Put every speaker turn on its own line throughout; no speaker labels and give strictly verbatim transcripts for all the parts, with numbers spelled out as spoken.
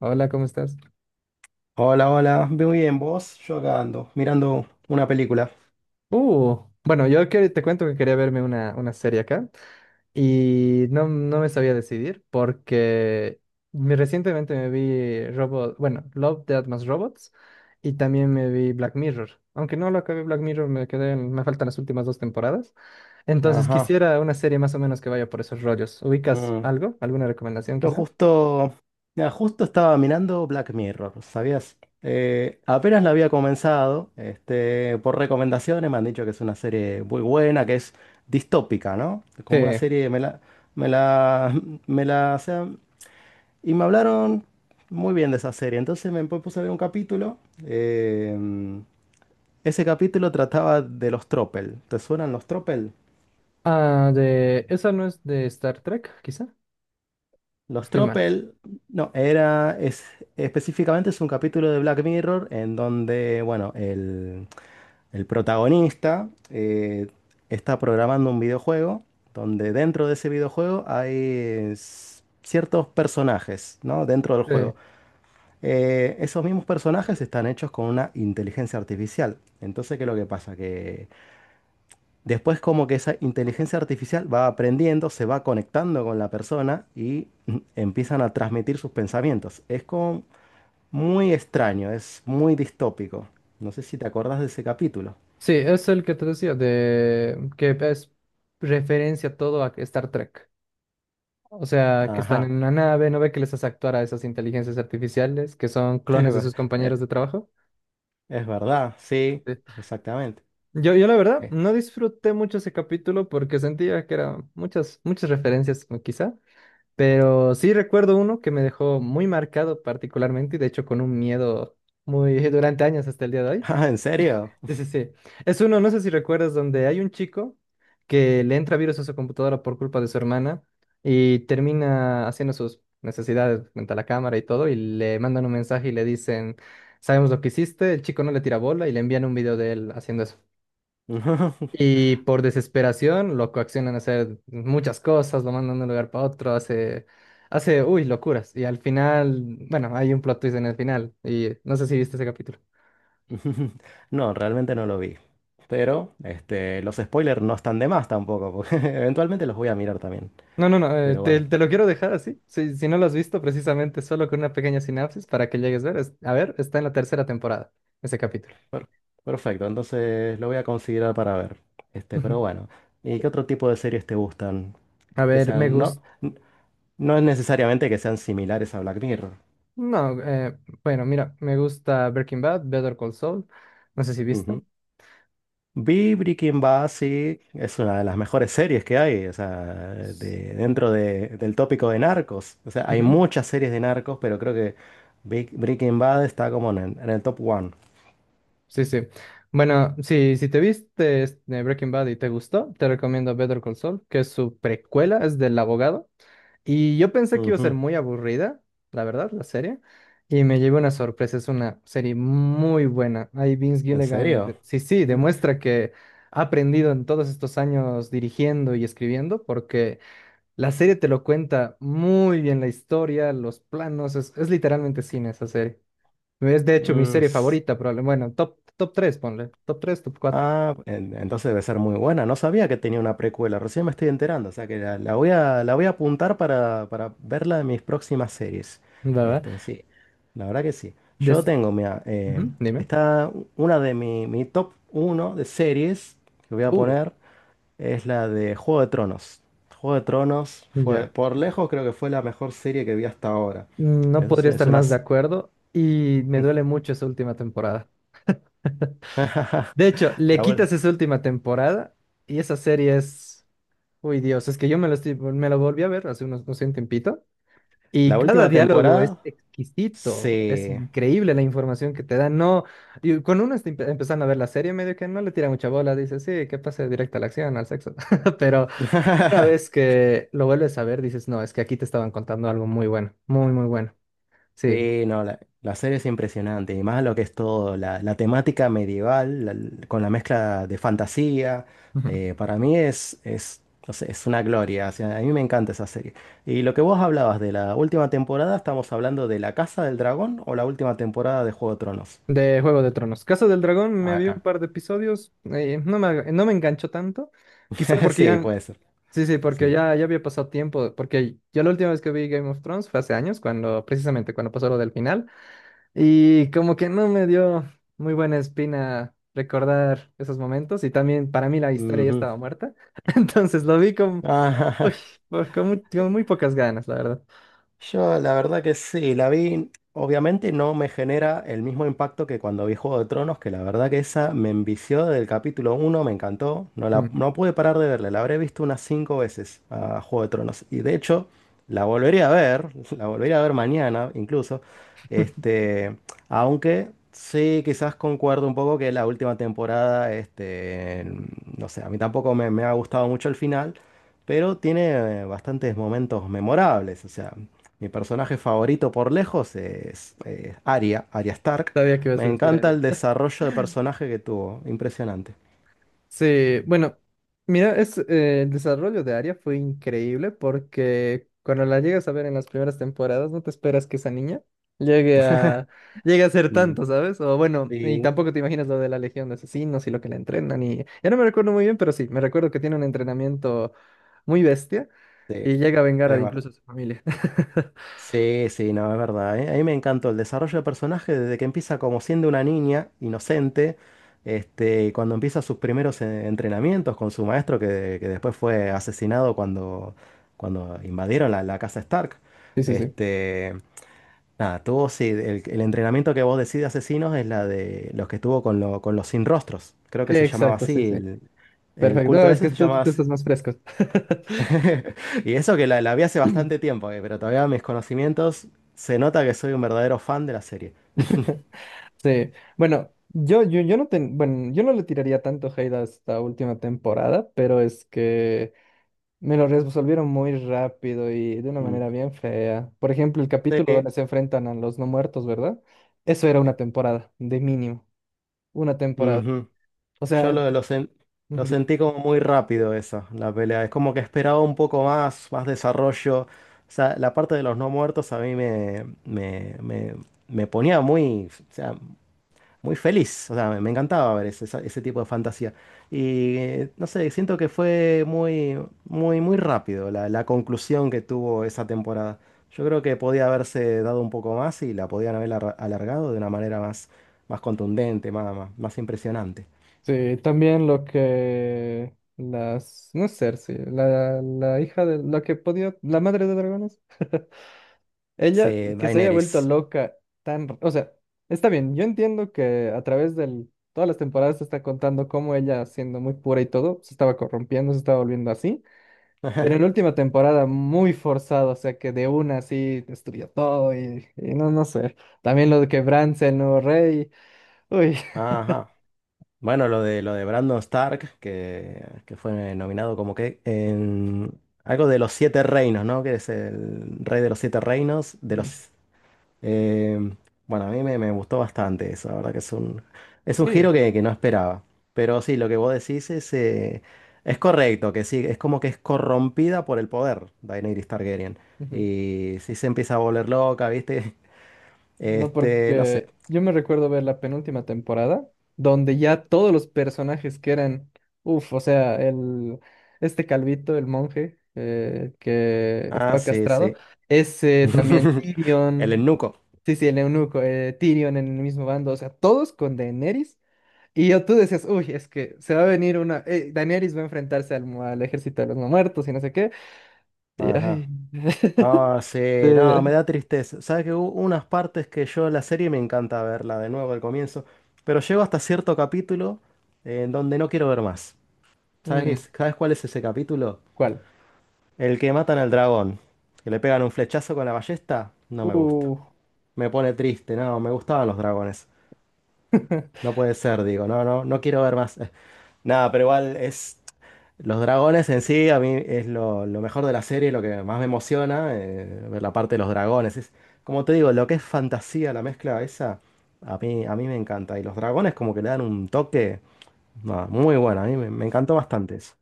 Hola, ¿cómo estás?
Hola, hola, muy bien, vos, yo acá ando, mirando una película.
Uh, bueno, yo que- te cuento que quería verme una, una serie acá y no, no me sabía decidir porque me- recientemente me vi Robot, bueno, Love, Death más Robots y también me vi Black Mirror. Aunque no lo acabé Black Mirror, me quedé, en- me faltan las últimas dos temporadas. Entonces
Ajá.
quisiera una serie más o menos que vaya por esos rollos. ¿Ubicas
Mm.
algo? ¿Alguna recomendación
Yo
quizá?
justo, mira, justo estaba mirando Black Mirror, ¿sabías? Eh, apenas la había comenzado, este, por recomendaciones me han dicho que es una serie muy buena, que es distópica, ¿no? Como una
Sí.
serie, me la, me la, me la, o sea, y me hablaron muy bien de esa serie, entonces me puse a ver un capítulo. em, ese capítulo trataba de los tropel. ¿Te suenan los tropel?
Ah, de... ¿Esa no es de Star Trek, quizá?
Los
Estoy mal.
Tropel, no, era es, específicamente es un capítulo de Black Mirror en donde, bueno, el, el protagonista eh, está programando un videojuego donde dentro de ese videojuego hay s- ciertos personajes, ¿no? Dentro del
Sí.
juego. Eh, esos mismos personajes están hechos con una inteligencia artificial. Entonces, ¿qué es lo que pasa? Que después como que esa inteligencia artificial va aprendiendo, se va conectando con la persona y mm, empiezan a transmitir sus pensamientos. Es como muy extraño, es muy distópico. No sé si te acordás de ese capítulo.
Sí, es el que te decía, de que es referencia todo a Star Trek. O sea, que están en
Ajá,
una nave, no ve que les hace actuar a esas inteligencias artificiales que son
es
clones de
ver-
sus
eh,
compañeros de trabajo.
es verdad, sí,
Sí.
exactamente.
Yo, yo la verdad
Eh,
no disfruté mucho ese capítulo porque sentía que eran muchas, muchas referencias o quizá, pero sí recuerdo uno que me dejó muy marcado particularmente y de hecho con un miedo muy durante años hasta el día de hoy.
Ah, ¿en serio?
Sí, sí, sí. Es uno, no sé si recuerdas, donde hay un chico que le entra virus a su computadora por culpa de su hermana y termina haciendo sus necesidades frente a la cámara y todo, y le mandan un mensaje y le dicen, sabemos lo que hiciste, el chico no le tira bola y le envían un video de él haciendo eso. Y por desesperación lo coaccionan a hacer muchas cosas, lo mandan de un lugar para otro, hace, hace, uy, locuras. Y al final, bueno, hay un plot twist en el final, y no sé si viste ese capítulo.
No, realmente no lo vi. Pero este, los spoilers no están de más tampoco, porque eventualmente los voy a mirar también.
No, no, no, eh,
Pero
te,
bueno.
te lo quiero dejar así. Si, si no lo has visto, precisamente solo con una pequeña sinapsis para que llegues a ver. Es- a ver, está en la tercera temporada, ese capítulo.
Per- Perfecto, entonces lo voy a considerar para ver. Este,
Ujú.
pero bueno, ¿y qué otro tipo de series te gustan?
A
Que
ver, me
sean, no,
gusta.
n- no es necesariamente que sean similares a Black Mirror.
No, eh, bueno, mira, me gusta Breaking Bad, Better Call Saul. No sé si viste.
Ujú. Vi Breaking Bad, sí, es una de las mejores series que hay, o sea,
S-
de, dentro de- del tópico de narcos. O sea, hay
Ujú.
muchas series de narcos, pero creo que Big- Breaking Bad está como en el, en el top one.
Sí, sí. Bueno, sí, si te viste este, Breaking Bad y te gustó, te recomiendo Better Call Saul, que es su precuela, es del abogado. Y yo pensé que iba a ser
Ujú.
muy aburrida, la verdad, la serie. Y me llevé una sorpresa, es una serie muy buena. Ahí Vince
¿En
Gilligan,
serio?
de- sí, sí,
Mm,
demuestra que ha aprendido en todos estos años dirigiendo y escribiendo, porque la serie te lo cuenta muy bien la historia, los planos, es, es literalmente cine esa serie. Es de hecho mi
mm,
serie favorita, probablemente. Bueno, top, top tres ponle. Top tres top cuatro
Ah, en- entonces debe ser muy buena. No sabía que tenía una precuela, recién me estoy enterando. O sea que la, la voy a, la voy a apuntar para, para verla en mis próximas series.
¿verdad?
Este, sí, la verdad que sí. Yo
Des-
tengo, mira, eh,
Ujú, dime.
está una de mi, mi top uno de series que voy a
Uh,
poner, es la de Juego de Tronos. Juego de Tronos fue,
ya.
por lejos, creo que fue la mejor serie que vi hasta ahora.
No
Eso
podría
sí, es
estar
una,
más de acuerdo y me duele mucho esa última temporada. De hecho, le
la, ul-
quitas esa última temporada y esa serie es... Uy, Dios, es que yo me lo, estoy- me lo volví a ver hace unos, no sé, un tiempito
la
y cada
última
diálogo es
temporada,
exquisito, es
sí.
increíble la información que te dan. No, y cuando uno está empe- empezando a ver la serie, medio que no le tira mucha bola, dice, sí, que pase directa a la acción, al sexo. Pero una vez que lo vuelves a ver, dices, no, es que aquí te estaban contando algo muy bueno, muy, muy bueno. Sí.
Sí, no, la, la serie es impresionante, y más lo que es todo, la, la temática medieval, la- con la mezcla de fantasía, eh, para mí es, es, no sé, es una gloria, o sea, a mí me encanta esa serie. Y lo que vos hablabas de la última temporada, ¿estamos hablando de La Casa del Dragón o la última temporada de Juego de Tronos?
De Juego de Tronos. Casa del Dragón me vi un
Acá.
par de episodios, eh, no me, aga- no me enganchó tanto, quizá porque
Sí,
ya,
puede ser,
sí, sí, porque
sí.
ya, ya había pasado tiempo, porque yo la última vez que vi Game of Thrones fue hace años, cuando, precisamente cuando pasó lo del final, y como que no me dio muy buena espina recordar esos momentos, y también para mí la historia ya
Ujú.
estaba muerta, entonces lo vi con, uy, por- con, muy, con muy pocas ganas, la verdad.
Yo la verdad que sí, la vi, obviamente no me genera el mismo impacto que cuando vi Juego de Tronos, que la verdad que esa me envició del capítulo uno, me encantó, no,
Mm.
la, no pude parar de verla, la habré visto unas cinco veces a Juego de Tronos y de hecho la volvería a ver, la volvería a ver mañana incluso, este, aunque sí quizás concuerdo un poco que la última temporada, este, no sé, a mí tampoco me me ha gustado mucho el final pero tiene eh, bastantes momentos memorables. O sea, mi personaje favorito por lejos es eh, Arya, Arya Stark.
Sabía que ibas a
Me
decir
encanta
Ariel.
el desarrollo de personaje que tuvo, impresionante.
Sí, bueno, mira, es, eh, el desarrollo de Arya fue increíble porque cuando la llegas a ver en las primeras temporadas, no te esperas que esa niña llegue a, llegue a ser
Mm,
tanto, ¿sabes? O bueno, y
sí,
tampoco te imaginas lo de la Legión de Asesinos y lo que la entrenan y ya no me recuerdo muy bien, pero sí, me recuerdo que tiene un entrenamiento muy bestia
sí,
y llega a vengar a
es verdad.
incluso a su familia.
Sí, sí, no, es verdad. ¿Eh? A mí me encantó el desarrollo de personaje desde que empieza como siendo una niña inocente, este, y cuando empieza sus primeros eh, entrenamientos con su maestro que, que después fue asesinado cuando, cuando invadieron la, la casa Stark.
Sí, sí, sí.
Este, nada, tuvo, sí, el, el entrenamiento que vos decís de asesinos es la de los que estuvo con, lo- con los sin rostros. Creo que se llamaba
Exacto, sí,
así.
sí.
El, el
Perfecto. No,
culto
es
ese
que
se
tú,
llamaba
tú
así.
estás más fresco.
Y eso que la, la vi hace bastante tiempo, eh, pero todavía mis conocimientos se nota que soy un verdadero fan de la serie.
Sí, bueno, yo, yo, yo no ten- bueno, yo no le tiraría tanto hate a esta última temporada, pero es que me lo resolvieron muy rápido y de una
Mm.
manera bien fea. Por ejemplo, el
Sí,
capítulo
eh,
donde se enfrentan a los no muertos, ¿verdad? Eso era una temporada, de mínimo, una temporada.
ujú.
O
Yo
sea,
lo, lo sen- lo
digo,
sentí como muy rápido eso, la pelea. Es como que esperaba un poco más, más desarrollo. O sea, la parte de los no muertos a mí me, me, me, me ponía muy... o sea, muy feliz. O sea, me, me encantaba ver ese, esa- ese tipo de fantasía. Y eh, no sé, siento que fue muy, muy, muy rápido la, la conclusión que tuvo esa temporada. Yo creo que podía haberse dado un poco más y la podían haber arra- alargado de una manera más, más contundente, más, más, más impresionante.
sí, también lo que las, no es Cersei, la, la hija de, la que podía, la madre de dragones. Ella
Sí,
que se haya vuelto
Daenerys.
loca tan, r- o sea, está bien, yo entiendo que a través de todas las temporadas se está contando cómo ella, siendo muy pura y todo, se estaba corrompiendo, se estaba volviendo así, pero en la última temporada muy forzado, o sea, que de una así destruyó todo y, y no, no sé, también lo de que Bran sea el nuevo rey, uy.
Ajá. Bueno, lo de lo de Brandon Stark, que, que fue nominado como que en algo de los siete reinos, ¿no? Que es el rey de los siete reinos, de
Ujú,
los. Eh, bueno, a mí me, me gustó bastante eso, la verdad que es un, es un giro
sí,
que, que no esperaba. Pero sí, lo que vos decís es, eh, es correcto, que sí, es como que es corrompida por el poder Daenerys Targaryen.
ujú.
Y sí se empieza a volver loca, ¿viste?
No,
Este, no sé.
porque yo me recuerdo ver la penúltima temporada, donde ya todos los personajes que eran, uff, o sea, el, este calvito, el monje eh, que
Ah,
estaba
sí,
castrado,
sí.
ese también
El
Tyrion,
eunuco.
sí, sí, el eunuco, eh, Tyrion en el mismo bando, o sea, todos con Daenerys. Y yo tú decías, uy, es que se va a venir una, eh, Daenerys va a enfrentarse al, mu- al ejército de los no muertos y no sé qué. Y ay,
Ajá. Ah, sí, no,
de-
me da tristeza. Sabes que hubo unas partes que yo la serie me encanta verla de nuevo al comienzo, pero llego hasta cierto capítulo eh, en donde no quiero ver más. ¿Sabes qué
mm,
es- ¿Sabes cuál es ese capítulo?
¿cuál?
El que matan al dragón, que le pegan un flechazo con la ballesta, no me gusta.
Uf.
Me pone triste, no, me gustaban los dragones. No puede ser, digo, no, no, no quiero ver más. Nada, pero igual es. Los dragones en sí, a mí es lo, lo mejor de la serie, lo que más me emociona, eh, ver la parte de los dragones. Es, como te digo, lo que es fantasía, la mezcla esa, a mí, a mí me encanta. Y los dragones como que le dan un toque nada, muy bueno, a mí me, me encantó bastante eso.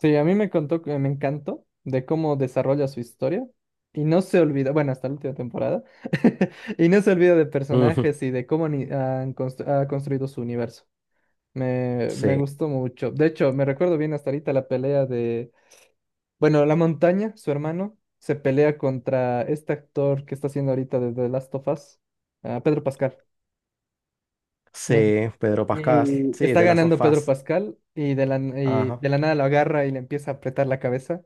Sí, a mí me contó, que me encantó de cómo desarrolla su historia y no se olvida, bueno, hasta la última temporada, y no se olvida de
Ujú,
personajes y de cómo ni- han constru- ha construido su universo. Me, me
sí,
gustó mucho. De hecho, me recuerdo bien hasta ahorita la pelea de, bueno, La Montaña, su hermano, se pelea contra este actor que está haciendo ahorita de The Last of Us, ah, Pedro Pascal. ¿No?
sí, Pedro Pascal,
Y
sí,
está
de las
ganando
of
Pedro
Us.
Pascal y de la, y
Ajá.
de la nada lo agarra y le empieza a apretar la cabeza.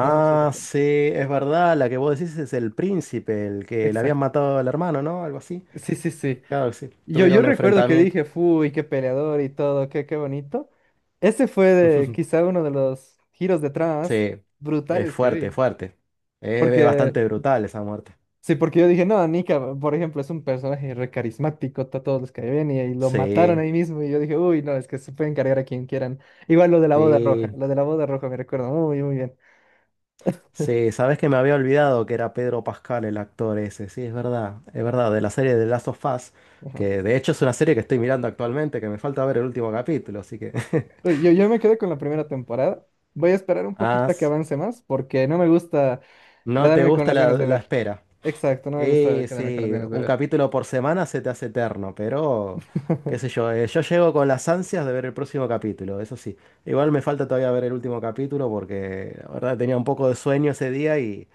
No sé si recuerdas.
sí, es verdad, la que vos decís es el príncipe, el que le habían
Exacto.
matado al hermano, ¿no? Algo así.
Sí, sí, sí.
Claro, que sí,
Yo,
tuvieron
yo
un
recuerdo que
enfrentamiento.
dije, uy, qué peleador y todo, qué, qué bonito. Ese fue de- quizá uno de los giros de trama más
Sí, es
brutales que
fuerte,
vi.
fuerte. Es
Porque,
bastante brutal esa muerte.
sí, porque yo dije, no, Nika, por ejemplo, es un personaje re carismático, to- todos los que ven y, y lo mataron
Sí,
ahí mismo. Y yo dije, uy, no, es que se pueden cargar a quien quieran. Igual lo de la boda roja,
sí,
lo de la boda roja me recuerdo, muy, muy bien.
sí. Sabes que me había olvidado que era Pedro Pascal el actor ese. Sí, es verdad, es verdad. De la serie de Last of Us,
Ajá.
que de hecho es una serie que estoy mirando actualmente, que me falta ver el último capítulo, así que.
Uy, Yo, yo me quedé con la primera temporada. Voy a esperar un
Ah,
poquito a que
s-
avance más porque no me gusta
no te
quedarme con
gusta
las
la,
ganas de
la
ver.
espera.
Exacto, no me gusta
Eh,
quedarme con las
sí,
ganas de
un
ver.
capítulo por semana se te hace eterno, pero qué sé yo, eh, yo llego con las ansias de ver el próximo capítulo, eso sí. Igual me falta todavía ver el último capítulo porque la verdad tenía un poco de sueño ese día y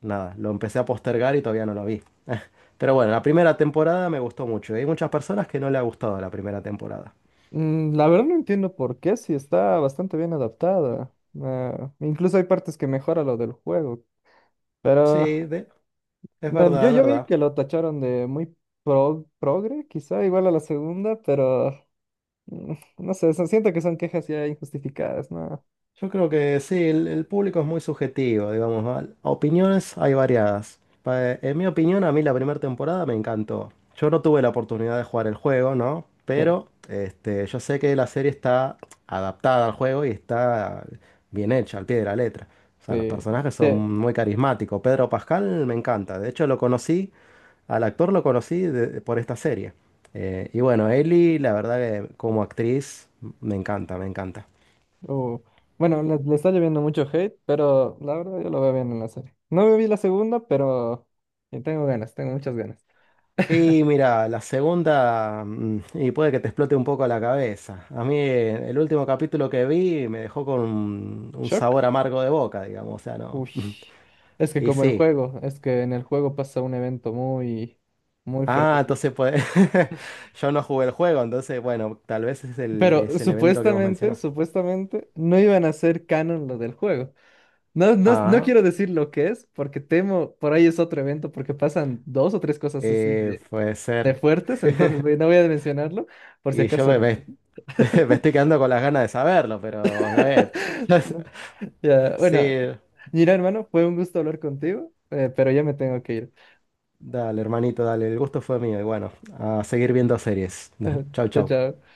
nada, lo empecé a postergar y todavía no lo vi. Pero bueno, la primera temporada me gustó mucho. Hay muchas personas que no le ha gustado la primera temporada.
Mm, la verdad no entiendo por qué, si está bastante bien adaptada. Ah, incluso hay partes que mejora lo del juego. Pero
Sí, de- es
del-
verdad,
yo,
es
yo vi
verdad.
que lo tacharon de muy pro- progre, quizá igual a la segunda, pero mm, no sé, son- siento que son quejas ya injustificadas, ¿no?
Yo creo que sí, el, el público es muy subjetivo, digamos, ¿va? Opiniones hay variadas. Pa- En mi opinión, a mí la primera temporada me encantó. Yo no tuve la oportunidad de jugar el juego, ¿no?
Sí,
Pero este, yo sé que la serie está adaptada al juego y está bien hecha, al pie de la letra. O sea, los
sí.
personajes son
Sí,
muy carismáticos. Pedro Pascal me encanta. De hecho, lo conocí, al actor lo conocí de- por esta serie. Eh, y bueno, Ellie, la verdad que como actriz, me encanta, me encanta.
uh, bueno, le, le está lloviendo mucho hate, pero la verdad yo lo veo bien en la serie. No me vi la segunda, pero eh, tengo ganas, tengo muchas ganas.
Y mira, la segunda, mm, y puede que te explote un poco la cabeza. A mí eh, el último capítulo que vi me dejó con un, un
Shock.
sabor amargo de boca, digamos, o sea, no.
Uy, es que
Y
como el
sí.
juego, es que en el juego pasa un evento muy, muy
Ah,
fuertecito.
entonces pues yo no jugué el juego, entonces bueno, tal vez es el,
Pero
es el evento que vos
supuestamente,
mencionás.
supuestamente, no iban a hacer canon lo del juego. No, no, no
Ah,
quiero decir lo que es, porque temo, por ahí es otro evento, porque pasan dos o tres cosas así
eh,
de,
puede
de
ser.
fuertes, entonces voy- no voy a mencionarlo, por si
Y yo
acaso.
me, me- Me estoy quedando con las ganas de saberlo, pero a ver.
No. Ya, bueno,
Sí.
mira, hermano, fue un gusto hablar contigo, eh, pero ya me tengo que ir.
Dale, hermanito, dale. El gusto fue mío. Y bueno, a seguir viendo series. Chau,
Chao,
chau.
chao.